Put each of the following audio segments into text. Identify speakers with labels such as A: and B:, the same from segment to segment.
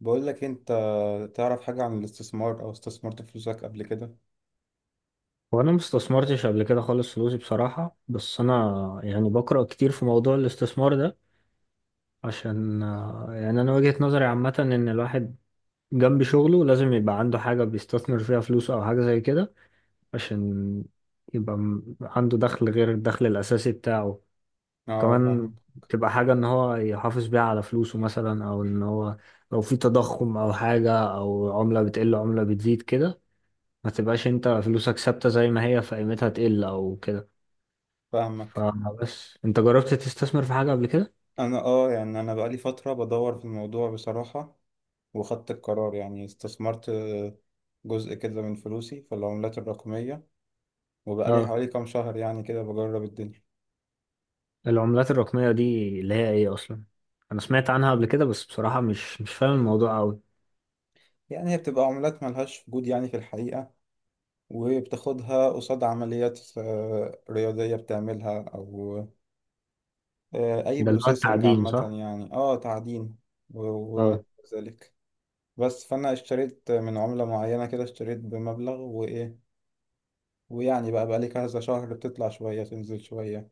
A: بقول لك انت تعرف حاجة عن الاستثمار او استثمرت فلوسك قبل كده؟
B: وانا ما استثمرتش قبل كده خالص فلوسي بصراحة، بس انا يعني بقرأ كتير في موضوع الاستثمار ده. عشان يعني انا وجهة نظري عامة ان الواحد جنب شغله لازم يبقى عنده حاجة بيستثمر فيها فلوسه او حاجة زي كده، عشان يبقى عنده دخل غير الدخل الاساسي بتاعه
A: اه،
B: كمان.
A: فاهم.
B: تبقى حاجة ان هو يحافظ بيها على فلوسه مثلا، او ان هو لو في تضخم او حاجة، او عملة بتقل عملة بتزيد كده، ما تبقاش انت فلوسك ثابتة زي ما هي فقيمتها تقل او كده.
A: فاهمك.
B: فبس انت جربت تستثمر في حاجة قبل كده؟
A: انا اه يعني انا بقالي فترة بدور في الموضوع بصراحة. وخدت القرار، يعني استثمرت جزء كده من فلوسي في العملات الرقمية. وبقالي
B: اه،
A: حوالي كام شهر، يعني كده بجرب الدنيا.
B: العملات الرقمية دي اللي هي ايه اصلا؟ انا سمعت عنها قبل كده، بس بصراحة مش فاهم الموضوع قوي.
A: يعني هي بتبقى عملات ملهاش وجود يعني في الحقيقة، وبتاخدها قصاد عمليات رياضية بتعملها، أو أي
B: ده اللي هو
A: بروسيسنج
B: التعدين
A: عامة،
B: صح؟
A: يعني تعدين و- وما
B: اه.
A: إلى ذلك. بس فانا اشتريت من عملة معينة كده، اشتريت بمبلغ وايه. ويعني بقى لي كذا شهر، بتطلع شوية تنزل شوية.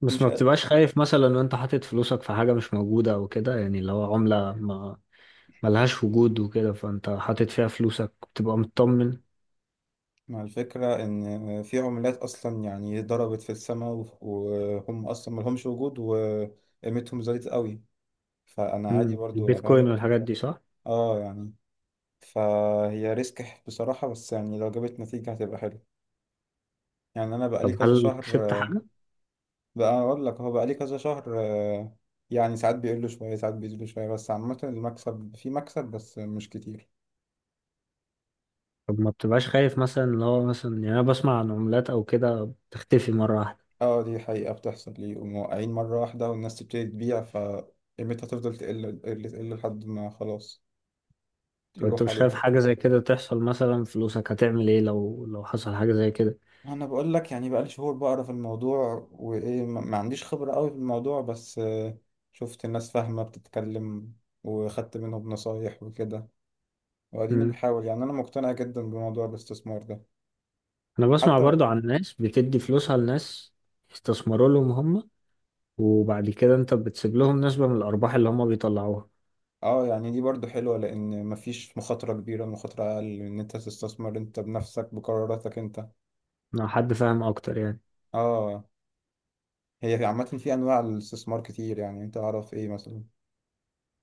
B: بس
A: مش
B: ما
A: قد-
B: بتبقاش خايف مثلا ان انت حاطط فلوسك في حاجة مش موجودة او كده، يعني اللي هو عملة ما ملهاش وجود وكده فانت حاطط فيها فلوسك بتبقى مطمن؟
A: مع الفكرة ان في عملات اصلا يعني ضربت في السماء، وهم اصلا ملهمش وجود وقيمتهم زادت قوي، فانا عادي برضو
B: البيتكوين
A: فاهم.
B: والحاجات دي صح؟
A: اه، يعني فهي ريسك بصراحة، بس يعني لو جابت نتيجة هتبقى حلو. يعني انا بقى لي
B: طب
A: كذا
B: هل
A: شهر.
B: كسبت حاجة؟
A: بقى اقول لك، هو بقى ليه كذا شهر، يعني ساعات بيقل شويه ساعات بيزيد شويه، بس عامه المكسب في مكسب بس مش كتير.
B: طب ما بتبقاش خايف مثلا، اللي هو مثلا يعني انا بسمع عن عملات او كده بتختفي مرة واحدة؟
A: اه، دي حقيقه بتحصل ليه، وموقعين مره واحده والناس تبتدي تبيع فقيمتها تفضل تقل تقل تقل لحد ما خلاص
B: طب انت
A: يروح
B: مش خايف
A: عليها.
B: حاجة زي كده تحصل مثلا؟ فلوسك هتعمل ايه لو حصل حاجة زي كده؟
A: انا بقول لك، يعني بقى لي شهور بقرا في الموضوع وايه، ما عنديش خبره قوي في الموضوع، بس شفت الناس فاهمه بتتكلم، وخدت منهم نصايح وكده، واديني
B: مم.
A: بحاول. يعني انا مقتنع جدا بموضوع الاستثمار ده
B: انا بسمع
A: حتى.
B: برضو عن ناس بتدي فلوسها لناس يستثمروا لهم هم، وبعد كده انت بتسيب لهم نسبة من الارباح اللي هم بيطلعوها.
A: اه، يعني دي برضو حلوة لأن مفيش مخاطرة كبيرة. المخاطرة أقل إن أنت تستثمر أنت بنفسك بقراراتك أنت.
B: انا حد فاهم اكتر يعني.
A: اه، هي عامة في أنواع الاستثمار كتير، يعني أنت أعرف إيه مثلا.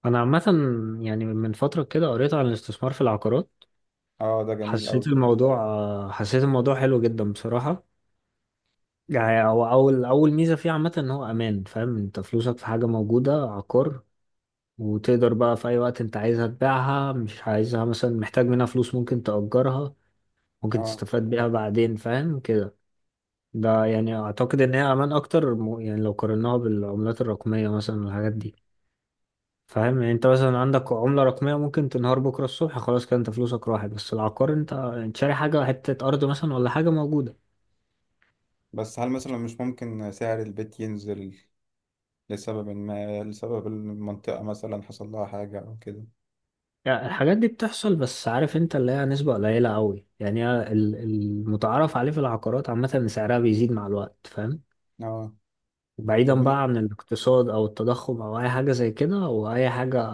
B: انا عامة يعني من فترة كده قريت عن الاستثمار في العقارات.
A: اه، ده جميل أوي.
B: حسيت الموضوع حلو جدا بصراحة. يعني هو اول ميزة فيه عامة ان هو امان، فاهم انت فلوسك في حاجة موجودة، عقار. وتقدر بقى في أي وقت أنت عايزها تبيعها، مش عايزها مثلا محتاج منها فلوس ممكن تأجرها، ممكن
A: اه،
B: تستفاد بيها بعدين فاهم كده. ده يعني أعتقد إن هي أمان أكتر يعني لو قارناها بالعملات الرقمية مثلا والحاجات دي. فاهم، يعني أنت مثلا عندك عملة رقمية ممكن تنهار بكرة الصبح خلاص كده أنت فلوسك راحت. بس العقار أنت شاري حاجة، حتة أرض مثلا ولا حاجة موجودة.
A: بس هل مثلا مش ممكن سعر البيت ينزل لسبب ما، لسبب المنطقة مثلا حصل لها حاجة أو كده؟
B: يعني الحاجات دي بتحصل، بس عارف أنت اللي هي نسبة قليلة أوي. يعني هي المتعارف عليه في العقارات عامة إن سعرها بيزيد مع الوقت فاهم.
A: اه. طب
B: بعيدا بقى عن الاقتصاد او التضخم او اي حاجة زي كده، واي حاجة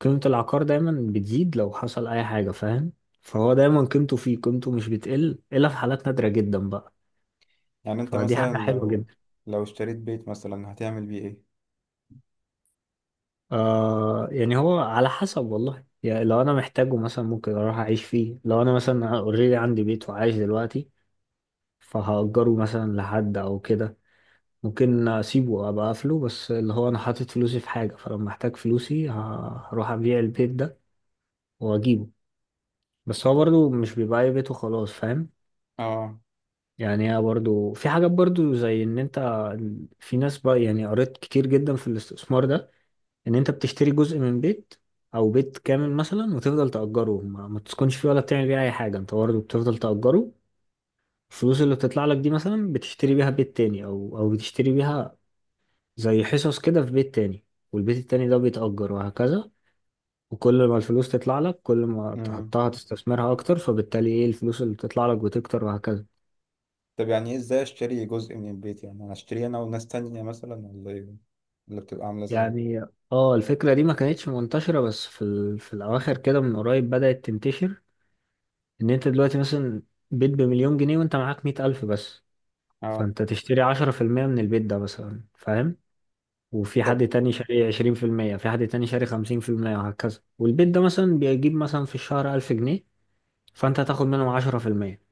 B: قيمة العقار دايما بتزيد لو حصل اي حاجة فاهم. فهو دايما قيمته فيه، قيمته مش بتقل الا في حالات نادرة جدا بقى.
A: يعني أنت
B: فدي
A: مثلا
B: حاجة حلوة
A: لو
B: جدا.
A: لو اشتريت بيت مثلا هتعمل بيه إيه؟
B: يعني هو على حسب والله. يعني لو انا محتاجه مثلا ممكن اروح اعيش فيه، لو انا مثلا اوريدي عندي بيت وعايش دلوقتي فهأجره مثلا لحد او كده. ممكن اسيبه ابقى اقفله، بس اللي هو انا حاطط فلوسي في حاجة، فلما احتاج فلوسي هروح ابيع البيت ده واجيبه. بس هو برضو مش بيبقى أي بيت وخلاص فاهم.
A: اه.
B: يعني هي برضو في حاجات برضو زي ان انت، في ناس بقى يعني قريت كتير جدا في الاستثمار ده، ان انت بتشتري جزء من بيت او بيت كامل مثلا وتفضل تأجره، ما تسكنش فيه ولا بتعمل بيه اي حاجة، انت برضو بتفضل تأجره. الفلوس اللي بتطلع لك دي مثلا بتشتري بيها بيت تاني، او بتشتري بيها زي حصص كده في بيت تاني. والبيت التاني ده بيتأجر وهكذا، وكل ما الفلوس تطلع لك كل ما
A: مم.
B: تحطها تستثمرها اكتر، فبالتالي ايه الفلوس اللي بتطلع لك بتكتر وهكذا.
A: طب يعني ايه، ازاي اشتري جزء من البيت؟ يعني انا اشتري انا وناس تانية مثلا، ولا ايه اللي بتبقى عاملة ازاي؟
B: يعني اه الفكرة دي ما كانتش منتشرة، بس في الأواخر كده من قريب بدأت تنتشر. إن أنت دلوقتي مثلا بيت بمليون جنيه وأنت معاك 100,000 بس.
A: اه.
B: فأنت تشتري 10% من البيت ده مثلا فاهم. وفي
A: طب
B: حد تاني شاري 20%، في حد تاني شاري 50% وهكذا. والبيت ده مثلا بيجيب مثلا في الشهر 1,000 جنيه. فأنت هتاخد منهم 10%،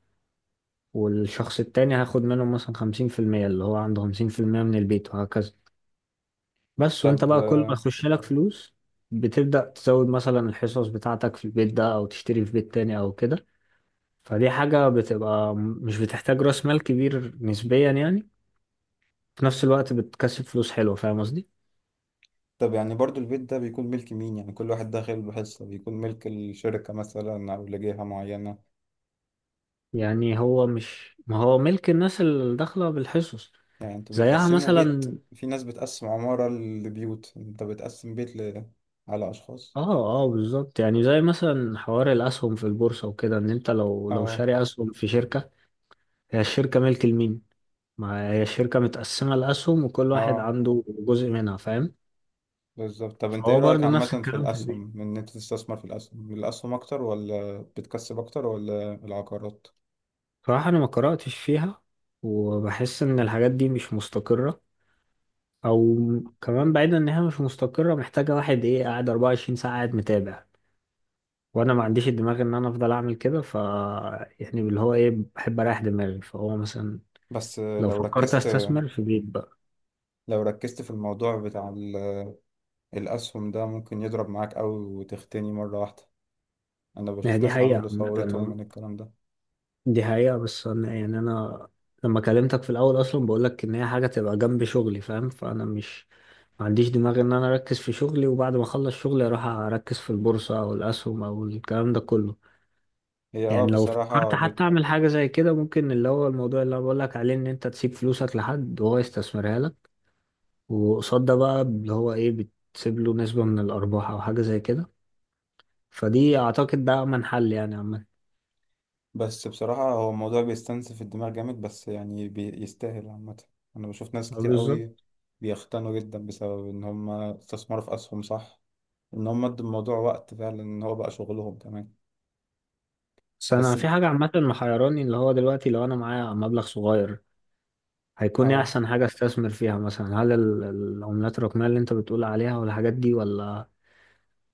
B: والشخص التاني هياخد منهم مثلا 50% اللي هو عنده 50% من البيت وهكذا. بس وانت
A: طب
B: بقى كل ما
A: آه،
B: يخش لك فلوس بتبدأ تزود مثلا الحصص بتاعتك في البيت ده، او تشتري في بيت تاني او كده. فدي حاجة بتبقى مش بتحتاج راس مال كبير نسبيا يعني، في نفس الوقت بتكسب فلوس حلوة فاهم قصدي.
A: طب يعني برضو البيت ده بيكون ملك مين؟ يعني كل واحد داخل بحصة بيكون ملك الشركة مثلا او لجهة معينة؟
B: يعني هو مش، ما هو ملك الناس اللي داخلة بالحصص
A: يعني انتوا
B: زيها
A: بتقسموا بيت،
B: مثلا.
A: في ناس بتقسم عمارة لبيوت، انت بتقسم بيت على اشخاص.
B: اه اه بالظبط، يعني زي مثلا حوار الاسهم في البورصة وكده، ان انت لو
A: اه،
B: شاري اسهم في شركة، هي الشركة ملك لمين؟ ما هي الشركة متقسمة لأسهم وكل واحد
A: اه،
B: عنده جزء منها فاهم.
A: بالظبط. طب انت ايه
B: فهو
A: رأيك
B: برضو نفس
A: عامة في
B: الكلام في البيت.
A: الاسهم؟ ان انت تستثمر في الاسهم اكتر، ولا بتكسب اكتر ولا العقارات؟
B: صراحة أنا ما قرأتش فيها، وبحس إن الحاجات دي مش مستقرة. أو كمان بعيدا إن هي مش مستقرة، محتاجة واحد إيه قاعد 24 ساعة قاعد متابع، وأنا ما عنديش الدماغ إن أنا أفضل أعمل كده. يعني اللي هو إيه، بحب أريح دماغي، فهو مثلا
A: بس
B: لو
A: لو
B: فكرت
A: ركزت
B: أستثمر في بيت بقى.
A: لو ركزت في الموضوع بتاع الأسهم ده ممكن يضرب معاك أوي وتغتني مرة واحدة. أنا
B: يعني
A: بشوف
B: دي
A: ناس
B: حقيقة
A: عملوا
B: عامة،
A: ثورتهم من الكلام ده.
B: دي حقيقة، بس أنا لما كلمتك في الأول أصلا بقولك إن هي حاجة تبقى جنب شغلي فاهم. فأنا مش، ما عنديش دماغ إن أنا أركز في شغلي وبعد ما أخلص شغلي أروح أركز في البورصة أو الأسهم أو الكلام ده كله.
A: هي اه
B: يعني لو
A: بصراحة
B: فكرت
A: بت...
B: حتى أعمل حاجة زي كده، ممكن اللي هو الموضوع اللي أنا بقولك عليه، إن أنت تسيب فلوسك لحد وهو يستثمرها لك، وقصاد ده بقى اللي هو إيه بتسيب له نسبة من الأرباح أو حاجة زي كده. فدي أعتقد ده أمن حل يعني عامة.
A: بس بصراحة هو الموضوع بيستنزف الدماغ جامد، بس يعني بيستاهل عامة. أنا بشوف ناس كتير
B: بالظبط.
A: أوي بيختنوا جدا بسبب إن هما استثمروا في أسهم، صح، إن هما ادوا الموضوع وقت فعلا إن هو بقى شغلهم كمان.
B: بس انا
A: بس
B: في حاجه عامه محيراني، اللي هو دلوقتي لو انا معايا مبلغ صغير هيكون ايه
A: اه
B: احسن حاجه استثمر فيها مثلا؟ هل العملات الرقميه اللي انت بتقول عليها والحاجات دي، ولا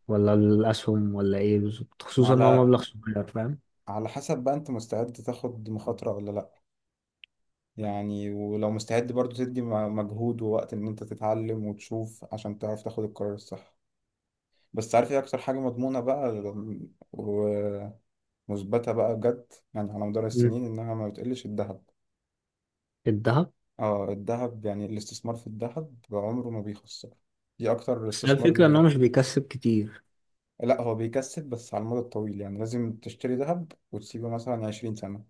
B: ولا الاسهم ولا ايه بالظبط؟ خصوصا ان هو
A: وعلى
B: مبلغ صغير فاهم.
A: على حسب بقى أنت مستعد تاخد مخاطرة ولا لأ، يعني ولو مستعد برضو تدي مجهود ووقت ان انت تتعلم وتشوف عشان تعرف تاخد القرار الصح. بس عارف ايه اكتر حاجة مضمونة بقى ومثبتة بقى بجد، يعني على مدار
B: مم.
A: السنين انها ما بتقلش؟ الذهب.
B: الذهب.
A: اه، الذهب. يعني الاستثمار في الذهب عمره ما بيخسر، دي اكتر
B: بس هي
A: استثمار
B: الفكره ان هو مش
A: ناجح.
B: بيكسب كتير.
A: لا، هو بيكسب بس على المدى الطويل، يعني لازم تشتري ذهب وتسيبه مثلا 20 سنة،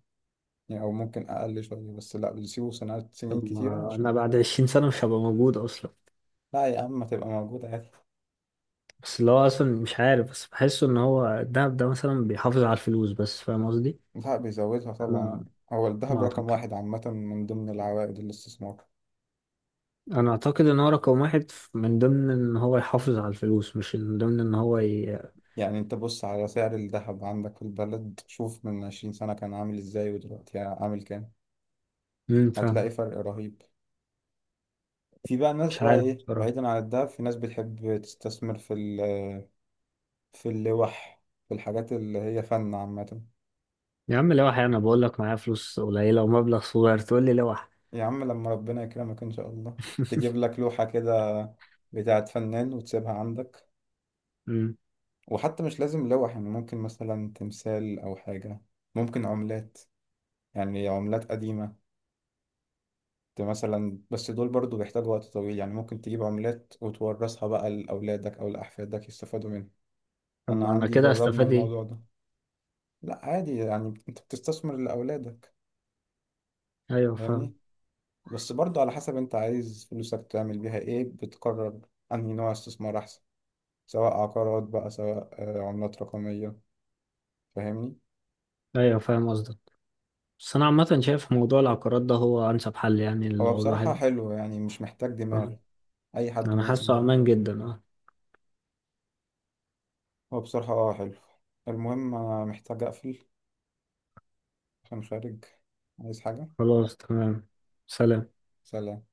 A: يعني او ممكن اقل شوية، بس لا، بتسيبه سنوات سنين
B: طب
A: كتيرة
B: ما انا
A: عشان.
B: بعد 20 سنه مش هبقى موجود اصلا.
A: لا يا عم، ما تبقى موجودة عادي.
B: بس اللي هو اصلا مش عارف، بس بحس ان هو الذهب ده مثلا بيحافظ على الفلوس بس فاهم قصدي.
A: لا، بيزودها طبعا.
B: انا
A: هو
B: ما
A: الذهب رقم
B: اعتقد،
A: واحد عامة من ضمن العوائد الاستثمار.
B: انا اعتقد ان هو رقم واحد من ضمن ان هو يحافظ على الفلوس، مش من ضمن ان هو
A: يعني انت بص على سعر الذهب عندك في البلد، شوف من 20 سنة كان عامل ازاي ودلوقتي عامل كام،
B: مم، فاهم.
A: هتلاقي فرق رهيب. في بقى ناس،
B: مش
A: بقى
B: عارف
A: ايه،
B: بصراحة.
A: بعيدا عن الذهب، في ناس بتحب تستثمر في في اللوح، في الحاجات اللي هي فن عامة.
B: يا عم لوح، انا بقول لك معايا فلوس قليلة ومبلغ صغير تقول لي لوح؟
A: يا عم، لما ربنا يكرمك ان شاء الله تجيب لك لوحة كده بتاعت فنان وتسيبها عندك.
B: مم.
A: وحتى مش لازم لوح، يعني ممكن مثلا تمثال او حاجة، ممكن عملات، يعني عملات قديمة مثلا. بس دول برضو بيحتاجوا وقت طويل، يعني ممكن تجيب عملات وتورثها بقى لأولادك أو لأحفادك يستفادوا منها.
B: طب
A: أنا
B: ما انا
A: عندي
B: كده
A: جربنا
B: استفاد ايه؟
A: الموضوع ده. لا، عادي، يعني أنت بتستثمر لأولادك،
B: ايوه فاهم.
A: فاهمني. بس برضو على حسب أنت عايز فلوسك تعمل بيها إيه، بتقرر أنهي نوع استثمار أحسن، سواء عقارات بقى، سواء عملات رقمية. فاهمني.
B: ايوه فاهم قصدك. بس انا عامة شايف موضوع العقارات ده هو انسب حل يعني
A: هو
B: لو
A: بصراحة
B: الواحد.
A: حلو، يعني مش محتاج
B: آه.
A: دماغ، أي حد
B: انا
A: ممكن.
B: حاسه امان جدا اه.
A: هو بصراحة حلو. المهم أنا محتاج أقفل، كان خارج عايز حاجة.
B: خلاص تمام. سلام.
A: سلام.